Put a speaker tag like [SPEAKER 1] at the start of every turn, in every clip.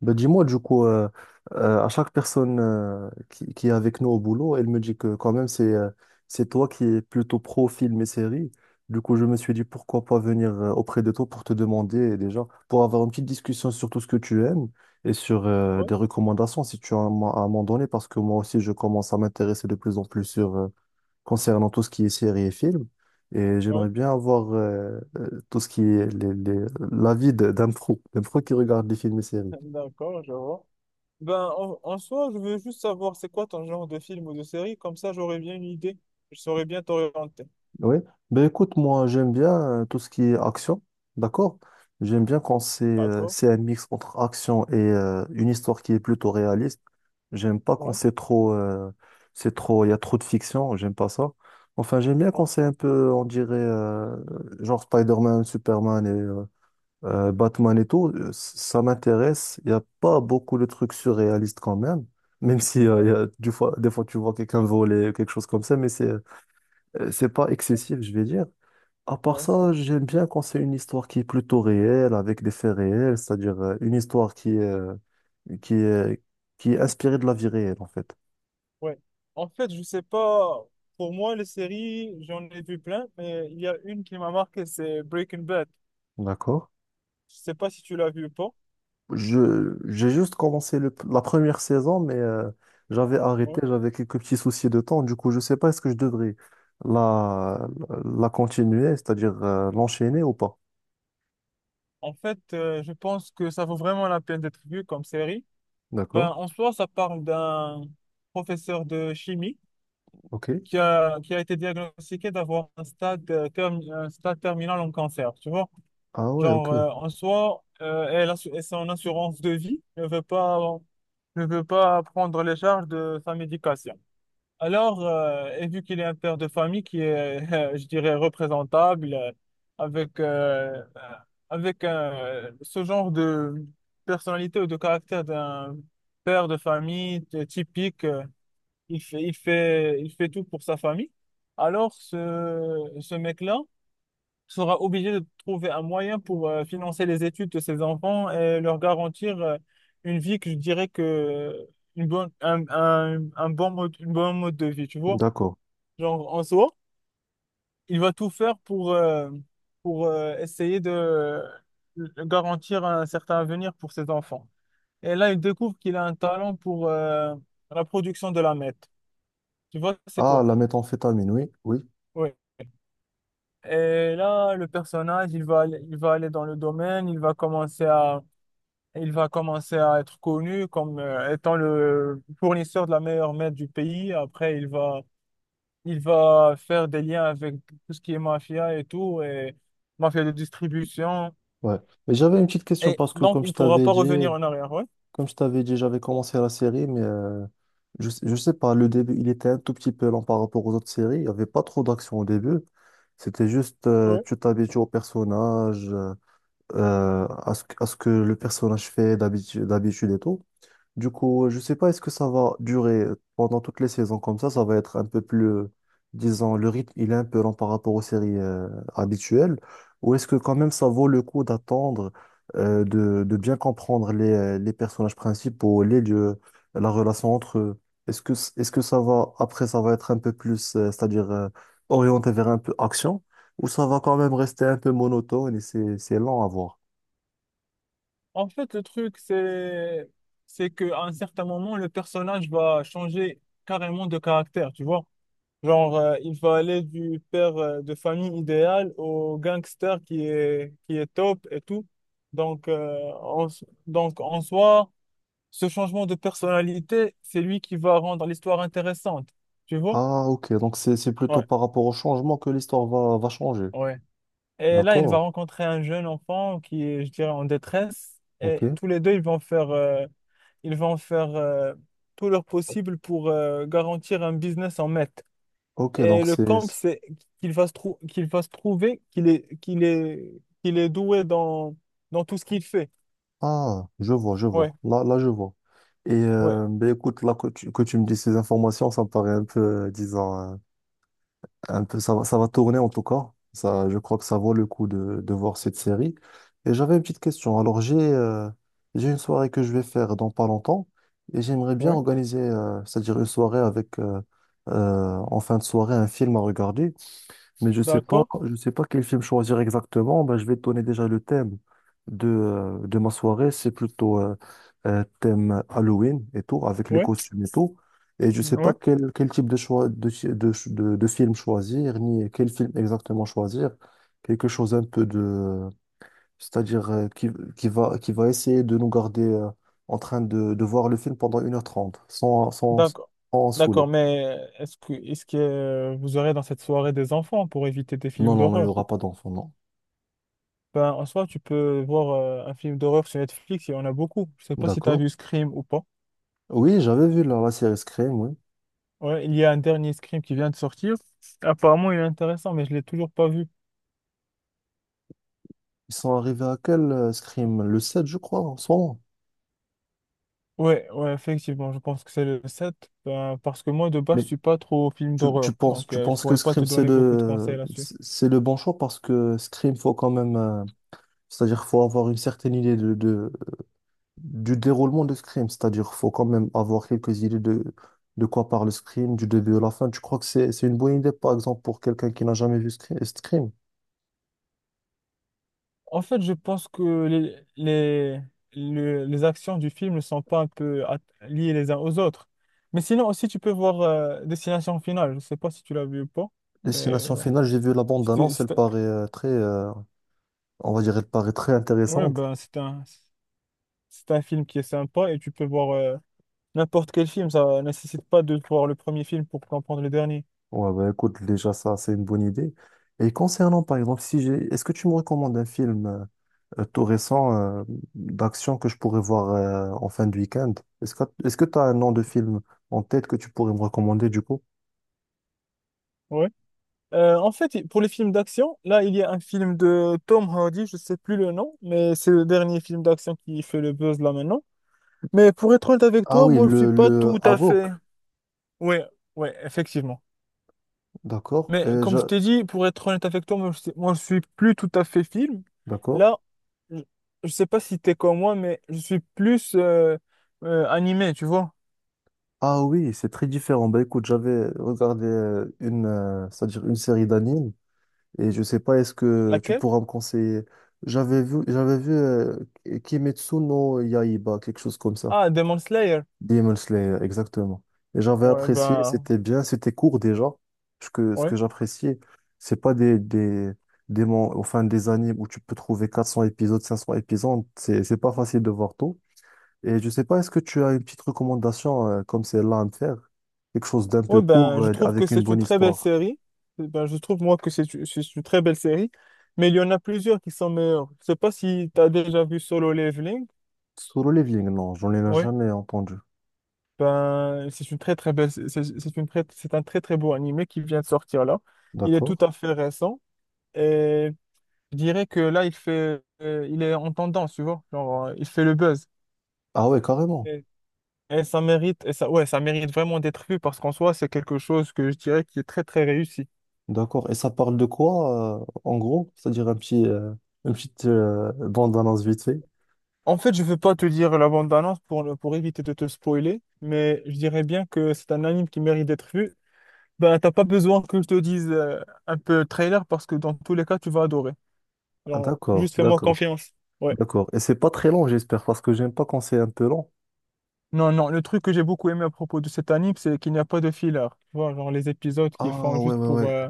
[SPEAKER 1] Ben, dis-moi, du coup, à chaque personne qui est avec nous au boulot, elle me dit que quand même, c'est toi qui es plutôt pro film et série. Du coup, je me suis dit, pourquoi pas venir auprès de toi pour te demander déjà, pour avoir une petite discussion sur tout ce que tu aimes et sur des
[SPEAKER 2] Oui,
[SPEAKER 1] recommandations si tu as à m'en donner, parce que moi aussi, je commence à m'intéresser de plus en plus sur concernant tout ce qui est série et film. Et j'aimerais
[SPEAKER 2] oui,
[SPEAKER 1] bien avoir tout ce qui est d'un pro qui regarde des films et séries.
[SPEAKER 2] d'accord, je vois. Ben, en soi, je veux juste savoir c'est quoi ton genre de film ou de série, comme ça j'aurais bien une idée, je saurais bien t'orienter.
[SPEAKER 1] Oui, ben écoute, moi j'aime bien tout ce qui est action, d'accord? J'aime bien quand
[SPEAKER 2] D'accord?
[SPEAKER 1] c'est un mix entre action et une histoire qui est plutôt réaliste. J'aime pas quand
[SPEAKER 2] Oui,
[SPEAKER 1] c'est trop, il y a trop de fiction, j'aime pas ça. Enfin, j'aime bien quand
[SPEAKER 2] oui,
[SPEAKER 1] c'est un peu, on dirait, genre Spider-Man, Superman et Batman et tout, ça m'intéresse. Il y a pas beaucoup de trucs surréalistes quand même, même si il
[SPEAKER 2] oui,
[SPEAKER 1] y a, des fois tu vois quelqu'un voler, quelque chose comme ça, mais c'est pas excessif, je vais dire. À part
[SPEAKER 2] oui,
[SPEAKER 1] ça, j'aime bien quand c'est une histoire qui est plutôt réelle, avec des faits réels, c'est-à-dire une histoire qui est, qui est inspirée de la vie réelle, en fait.
[SPEAKER 2] oui. En fait, je sais pas, pour moi, les séries, j'en ai vu plein, mais il y a une qui m'a marqué, c'est Breaking Bad.
[SPEAKER 1] D'accord?
[SPEAKER 2] Je sais pas si tu l'as vu ou pas.
[SPEAKER 1] J'ai juste commencé la première saison, mais j'avais
[SPEAKER 2] Ouais.
[SPEAKER 1] arrêté, j'avais quelques petits soucis de temps. Du coup, je sais pas, est-ce que je devrais la, la continuer, c'est-à-dire l'enchaîner ou pas?
[SPEAKER 2] En fait, je pense que ça vaut vraiment la peine d'être vu comme série. Ben,
[SPEAKER 1] D'accord?
[SPEAKER 2] en soi, ça parle d'un professeur de chimie
[SPEAKER 1] Ok.
[SPEAKER 2] qui a été diagnostiqué d'avoir un stade, un stade terminal en cancer, tu vois.
[SPEAKER 1] Ah ouais,
[SPEAKER 2] Genre,
[SPEAKER 1] ok.
[SPEAKER 2] en soi, et son assurance de vie ne veut pas prendre les charges de sa médication. Alors, et vu qu'il est un père de famille qui est, je dirais, représentable, avec, euh, euh, avec ce genre de personnalité ou de caractère d'un père de famille typique, euh, il fait tout pour sa famille. Alors, ce mec-là sera obligé de trouver un moyen pour financer les études de ses enfants et leur garantir une vie que je dirais que une bonne, un bon mode, une bonne mode de vie, tu vois.
[SPEAKER 1] D'accord.
[SPEAKER 2] Genre, en soi, il va tout faire pour essayer de garantir un certain avenir pour ses enfants. Et là, il découvre qu'il a un talent pour la production de la meth. Tu vois, c'est
[SPEAKER 1] Ah,
[SPEAKER 2] quoi?
[SPEAKER 1] la méthamphétamine, oui, oui.
[SPEAKER 2] Ouais. Et là, le personnage, il va aller dans le domaine, il va commencer à être connu comme étant le fournisseur de la meilleure merde du pays. Après, il va faire des liens avec tout ce qui est mafia et tout, et mafia de distribution.
[SPEAKER 1] Ouais. Mais j'avais une petite question
[SPEAKER 2] Et
[SPEAKER 1] parce que,
[SPEAKER 2] donc, il ne pourra pas revenir en arrière, ouais.
[SPEAKER 1] Comme je t'avais dit, j'avais commencé la série, mais je sais pas, le début, il était un tout petit peu lent par rapport aux autres séries. Il n'y avait pas trop d'action au début. C'était juste,
[SPEAKER 2] Ouais.
[SPEAKER 1] tu t'habitues au personnage, à ce que le personnage fait d'habitude et tout. Du coup, je sais pas, est-ce que ça va durer pendant toutes les saisons comme ça? Ça va être un peu plus, disons, le rythme, il est un peu lent par rapport aux séries habituelles. Ou est-ce que quand même ça vaut le coup d'attendre, de bien comprendre les personnages principaux, les lieux, la relation entre eux? Est-ce que ça va, après, ça va être un peu plus, c'est-à-dire orienté vers un peu action? Ou ça va quand même rester un peu monotone et c'est lent à voir?
[SPEAKER 2] En fait, c'est qu'à un certain moment, le personnage va changer carrément de caractère, tu vois. Genre, il faut aller du père de famille idéal au gangster qui est top et tout. Donc, en soi, ce changement de personnalité, c'est lui qui va rendre l'histoire intéressante. Tu vois?
[SPEAKER 1] Ah, ok, donc c'est plutôt
[SPEAKER 2] Ouais,
[SPEAKER 1] par rapport au changement que l'histoire va changer.
[SPEAKER 2] ouais. Et là, il va
[SPEAKER 1] D'accord,
[SPEAKER 2] rencontrer un jeune enfant qui est, je dirais, en détresse.
[SPEAKER 1] ok.
[SPEAKER 2] Et tous les deux, ils vont faire tout leur possible pour garantir un business en maître.
[SPEAKER 1] Ok,
[SPEAKER 2] Et
[SPEAKER 1] donc
[SPEAKER 2] le camp, c'est qu'il va se trouver qu'il est doué dans tout ce qu'il fait.
[SPEAKER 1] Ah, je vois, je
[SPEAKER 2] Ouais,
[SPEAKER 1] vois. Là, là, je vois. Et
[SPEAKER 2] ouais,
[SPEAKER 1] ben écoute, là que tu me dis ces informations, ça me paraît un peu, disons, un peu, ça va tourner en tout cas. Ça, je crois que ça vaut le coup de voir cette série. Et j'avais une petite question. Alors, j'ai une soirée que je vais faire dans pas longtemps et j'aimerais bien
[SPEAKER 2] ouais,
[SPEAKER 1] organiser, c'est-à-dire une soirée avec, en fin de soirée, un film à regarder. Mais
[SPEAKER 2] d'accord,
[SPEAKER 1] je sais pas quel film choisir exactement. Ben, je vais te donner déjà le thème de ma soirée. C'est plutôt thème Halloween et tout, avec les
[SPEAKER 2] ouais,
[SPEAKER 1] costumes et tout. Et je sais pas
[SPEAKER 2] ouais,
[SPEAKER 1] quel type de choix de, chi- de, ch- de film choisir, ni quel film exactement choisir. Quelque chose un peu c'est-à-dire qui va essayer de nous garder en train de voir le film pendant 1h30 sans
[SPEAKER 2] d'accord.
[SPEAKER 1] en saouler.
[SPEAKER 2] D'accord, mais est-ce que vous aurez dans cette soirée des enfants pour éviter des
[SPEAKER 1] Non,
[SPEAKER 2] films
[SPEAKER 1] non, non, il n'y
[SPEAKER 2] d'horreur?
[SPEAKER 1] aura pas d'enfant, non.
[SPEAKER 2] Ben, en soi, tu peux voir un film d'horreur sur Netflix, il y en a beaucoup. Je sais pas si tu as
[SPEAKER 1] D'accord.
[SPEAKER 2] vu Scream ou pas.
[SPEAKER 1] Oui, j'avais vu la série Scream, oui.
[SPEAKER 2] Ouais, il y a un dernier Scream qui vient de sortir. Apparemment, il est intéressant, mais je l'ai toujours pas vu.
[SPEAKER 1] Ils sont arrivés à quel Scream? Le 7, je crois, en ce moment.
[SPEAKER 2] Ouais, ouais, effectivement, je pense que c'est le 7 ben, parce que moi, de base,
[SPEAKER 1] Mais
[SPEAKER 2] je suis pas trop film
[SPEAKER 1] tu, tu
[SPEAKER 2] d'horreur,
[SPEAKER 1] penses,
[SPEAKER 2] donc
[SPEAKER 1] tu
[SPEAKER 2] je
[SPEAKER 1] penses que
[SPEAKER 2] pourrais pas
[SPEAKER 1] Scream,
[SPEAKER 2] te
[SPEAKER 1] c'est
[SPEAKER 2] donner beaucoup de conseils
[SPEAKER 1] le,
[SPEAKER 2] là-dessus.
[SPEAKER 1] c'est c'est le bon choix parce que Scream, faut quand même, c'est-à-dire, faut avoir une certaine idée du déroulement de Scream. C'est-à-dire, faut quand même avoir quelques idées de quoi parle Scream, du début à la fin. Tu crois que c'est une bonne idée, par exemple, pour quelqu'un qui n'a jamais vu Scream?
[SPEAKER 2] En fait, je pense que les actions du film ne sont pas liées les uns aux autres. Mais sinon, aussi, tu peux voir Destination Finale. Je sais pas si tu l'as vu ou pas, mais
[SPEAKER 1] Destination
[SPEAKER 2] genre,
[SPEAKER 1] finale, j'ai vu la bande
[SPEAKER 2] si tu…
[SPEAKER 1] d'annonce, elle paraît très, on va dire, elle paraît très
[SPEAKER 2] Ouais,
[SPEAKER 1] intéressante.
[SPEAKER 2] ben, c'est un film qui est sympa et tu peux voir n'importe quel film. Ça nécessite pas de voir le premier film pour comprendre le dernier.
[SPEAKER 1] Ouais, bah écoute, déjà ça, c'est une bonne idée. Et concernant, par exemple, si j'ai, est-ce que tu me recommandes un film tout récent euh, d'action que je pourrais voir en fin de week-end? Est-ce que tu as un nom de film en tête que tu pourrais me recommander du coup?
[SPEAKER 2] Ouais. En fait, pour les films d'action, là, il y a un film de Tom Hardy, je sais plus le nom, mais c'est le dernier film d'action qui fait le buzz là maintenant. Mais pour être honnête avec
[SPEAKER 1] Ah
[SPEAKER 2] toi,
[SPEAKER 1] oui,
[SPEAKER 2] moi, je suis
[SPEAKER 1] le,
[SPEAKER 2] pas
[SPEAKER 1] le
[SPEAKER 2] tout à
[SPEAKER 1] Avoc,
[SPEAKER 2] fait. Ouais, ouais, effectivement.
[SPEAKER 1] d'accord.
[SPEAKER 2] Mais comme je t'ai dit, pour être honnête avec toi, moi, je suis plus tout à fait film.
[SPEAKER 1] D'accord.
[SPEAKER 2] Là, je, je sais pas si t'es comme moi, mais je suis plus animé, tu vois.
[SPEAKER 1] Ah oui, c'est très différent. Bah écoute, j'avais regardé c'est-à-dire une série d'animes. Et je sais pas, est-ce que tu
[SPEAKER 2] Laquelle?
[SPEAKER 1] pourras me conseiller? J'avais vu Kimetsu no Yaiba, quelque chose comme ça.
[SPEAKER 2] Ah, Demon Slayer.
[SPEAKER 1] Demon Slayer, exactement. Et j'avais
[SPEAKER 2] Ouais,
[SPEAKER 1] apprécié,
[SPEAKER 2] ben,
[SPEAKER 1] c'était bien, c'était court déjà. Ce que, ce
[SPEAKER 2] ouais.
[SPEAKER 1] que j'appréciais, c'est pas enfin, des animes où tu peux trouver 400 épisodes, 500 épisodes. C'est pas facile de voir tout. Et je sais pas, est-ce que tu as une petite recommandation comme celle-là à me faire? Quelque chose d'un
[SPEAKER 2] Ouais,
[SPEAKER 1] peu
[SPEAKER 2] ben,
[SPEAKER 1] court
[SPEAKER 2] je trouve que
[SPEAKER 1] avec une
[SPEAKER 2] c'est une
[SPEAKER 1] bonne
[SPEAKER 2] très belle
[SPEAKER 1] histoire.
[SPEAKER 2] série. Eh Ben, je trouve, moi, que c'est une très belle série. Mais il y en a plusieurs qui sont meilleures. Je sais pas si t'as déjà vu Solo Leveling.
[SPEAKER 1] Solo Leveling, non, j'en ai
[SPEAKER 2] Ouais.
[SPEAKER 1] jamais entendu.
[SPEAKER 2] Ben, c'est une très, très belle, c'est une très, c'est un très, très beau animé qui vient de sortir là. Il est
[SPEAKER 1] D'accord.
[SPEAKER 2] tout à fait récent. Et je dirais que là, il est en tendance, tu vois. Genre, il fait le buzz.
[SPEAKER 1] Ah ouais, carrément.
[SPEAKER 2] Et, et ça mérite vraiment d'être vu parce qu'en soi, c'est quelque chose que je dirais qui est très, très réussi.
[SPEAKER 1] D'accord. Et ça parle de quoi, en gros? C'est-à-dire une petite bande-annonce vite fait.
[SPEAKER 2] En fait, je veux pas te dire la bande-annonce pour, ne- pour éviter de te spoiler, mais je dirais bien que c'est un anime qui mérite d'être vu. Ben, t'as pas besoin que je te dise un peu trailer parce que dans tous les cas, tu vas adorer.
[SPEAKER 1] Ah
[SPEAKER 2] Genre,
[SPEAKER 1] d'accord,
[SPEAKER 2] juste fais-moi
[SPEAKER 1] d'accord,
[SPEAKER 2] confiance. Ouais.
[SPEAKER 1] d'accord. Et c'est pas très long, j'espère, parce que j'aime pas quand c'est un peu long.
[SPEAKER 2] Non, non, le truc que j'ai beaucoup aimé à propos de cet anime, c'est qu'il n'y a pas de filler. Tu vois, genre les épisodes qu'ils font
[SPEAKER 1] Ah ouais,
[SPEAKER 2] juste
[SPEAKER 1] ouais,
[SPEAKER 2] pour,
[SPEAKER 1] ouais.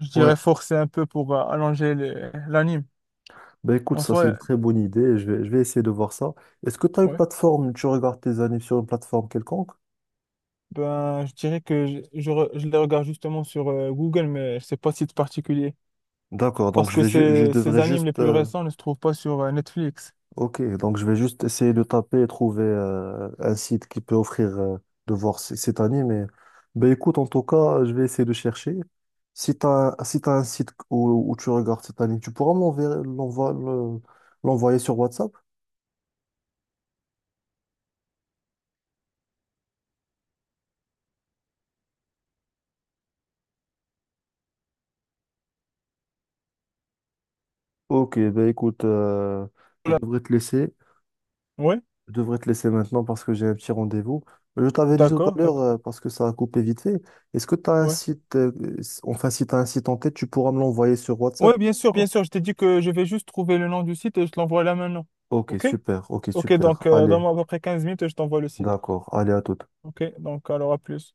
[SPEAKER 2] je
[SPEAKER 1] Ouais.
[SPEAKER 2] dirais, forcer un peu pour l'anime.
[SPEAKER 1] Ben écoute,
[SPEAKER 2] En
[SPEAKER 1] ça c'est
[SPEAKER 2] soi,
[SPEAKER 1] une très bonne idée. Je vais essayer de voir ça. Est-ce que tu as une
[SPEAKER 2] ouais,
[SPEAKER 1] plateforme, tu regardes tes animes sur une plateforme quelconque?
[SPEAKER 2] ben, je dirais que je les regarde justement sur Google, mais c'est pas site particulier.
[SPEAKER 1] D'accord, donc
[SPEAKER 2] Parce que
[SPEAKER 1] je
[SPEAKER 2] ces
[SPEAKER 1] devrais
[SPEAKER 2] animes les
[SPEAKER 1] juste
[SPEAKER 2] plus récents ne se trouvent pas sur Netflix.
[SPEAKER 1] Ok, donc je vais juste essayer de taper et trouver un site qui peut offrir de voir cet anime. Mais ben écoute, en tout cas, je vais essayer de chercher. Si tu as, si t'as un site où tu regardes cet anime, tu pourras m'envoyer l'envoyer sur WhatsApp? Ok, ben écoute, je
[SPEAKER 2] Voilà.
[SPEAKER 1] devrais te laisser.
[SPEAKER 2] Ouais,
[SPEAKER 1] Je devrais te laisser maintenant parce que j'ai un petit rendez-vous. Je t'avais dit tout à
[SPEAKER 2] d'accord,
[SPEAKER 1] l'heure,
[SPEAKER 2] d'accord.
[SPEAKER 1] parce que ça a coupé vite fait, est-ce que tu as un
[SPEAKER 2] Ouais.
[SPEAKER 1] site, enfin si tu as un site en tête, tu pourras me l'envoyer sur WhatsApp?
[SPEAKER 2] Ouais, bien sûr, bien sûr. Je t'ai dit que je vais juste trouver le nom du site et je te l'envoie là maintenant.
[SPEAKER 1] Ok,
[SPEAKER 2] OK?
[SPEAKER 1] super, ok,
[SPEAKER 2] OK,
[SPEAKER 1] super.
[SPEAKER 2] donc
[SPEAKER 1] Allez,
[SPEAKER 2] donne-moi à peu près 15 minutes et je t'envoie le site.
[SPEAKER 1] d'accord, allez à tout.
[SPEAKER 2] Ok, donc alors à plus.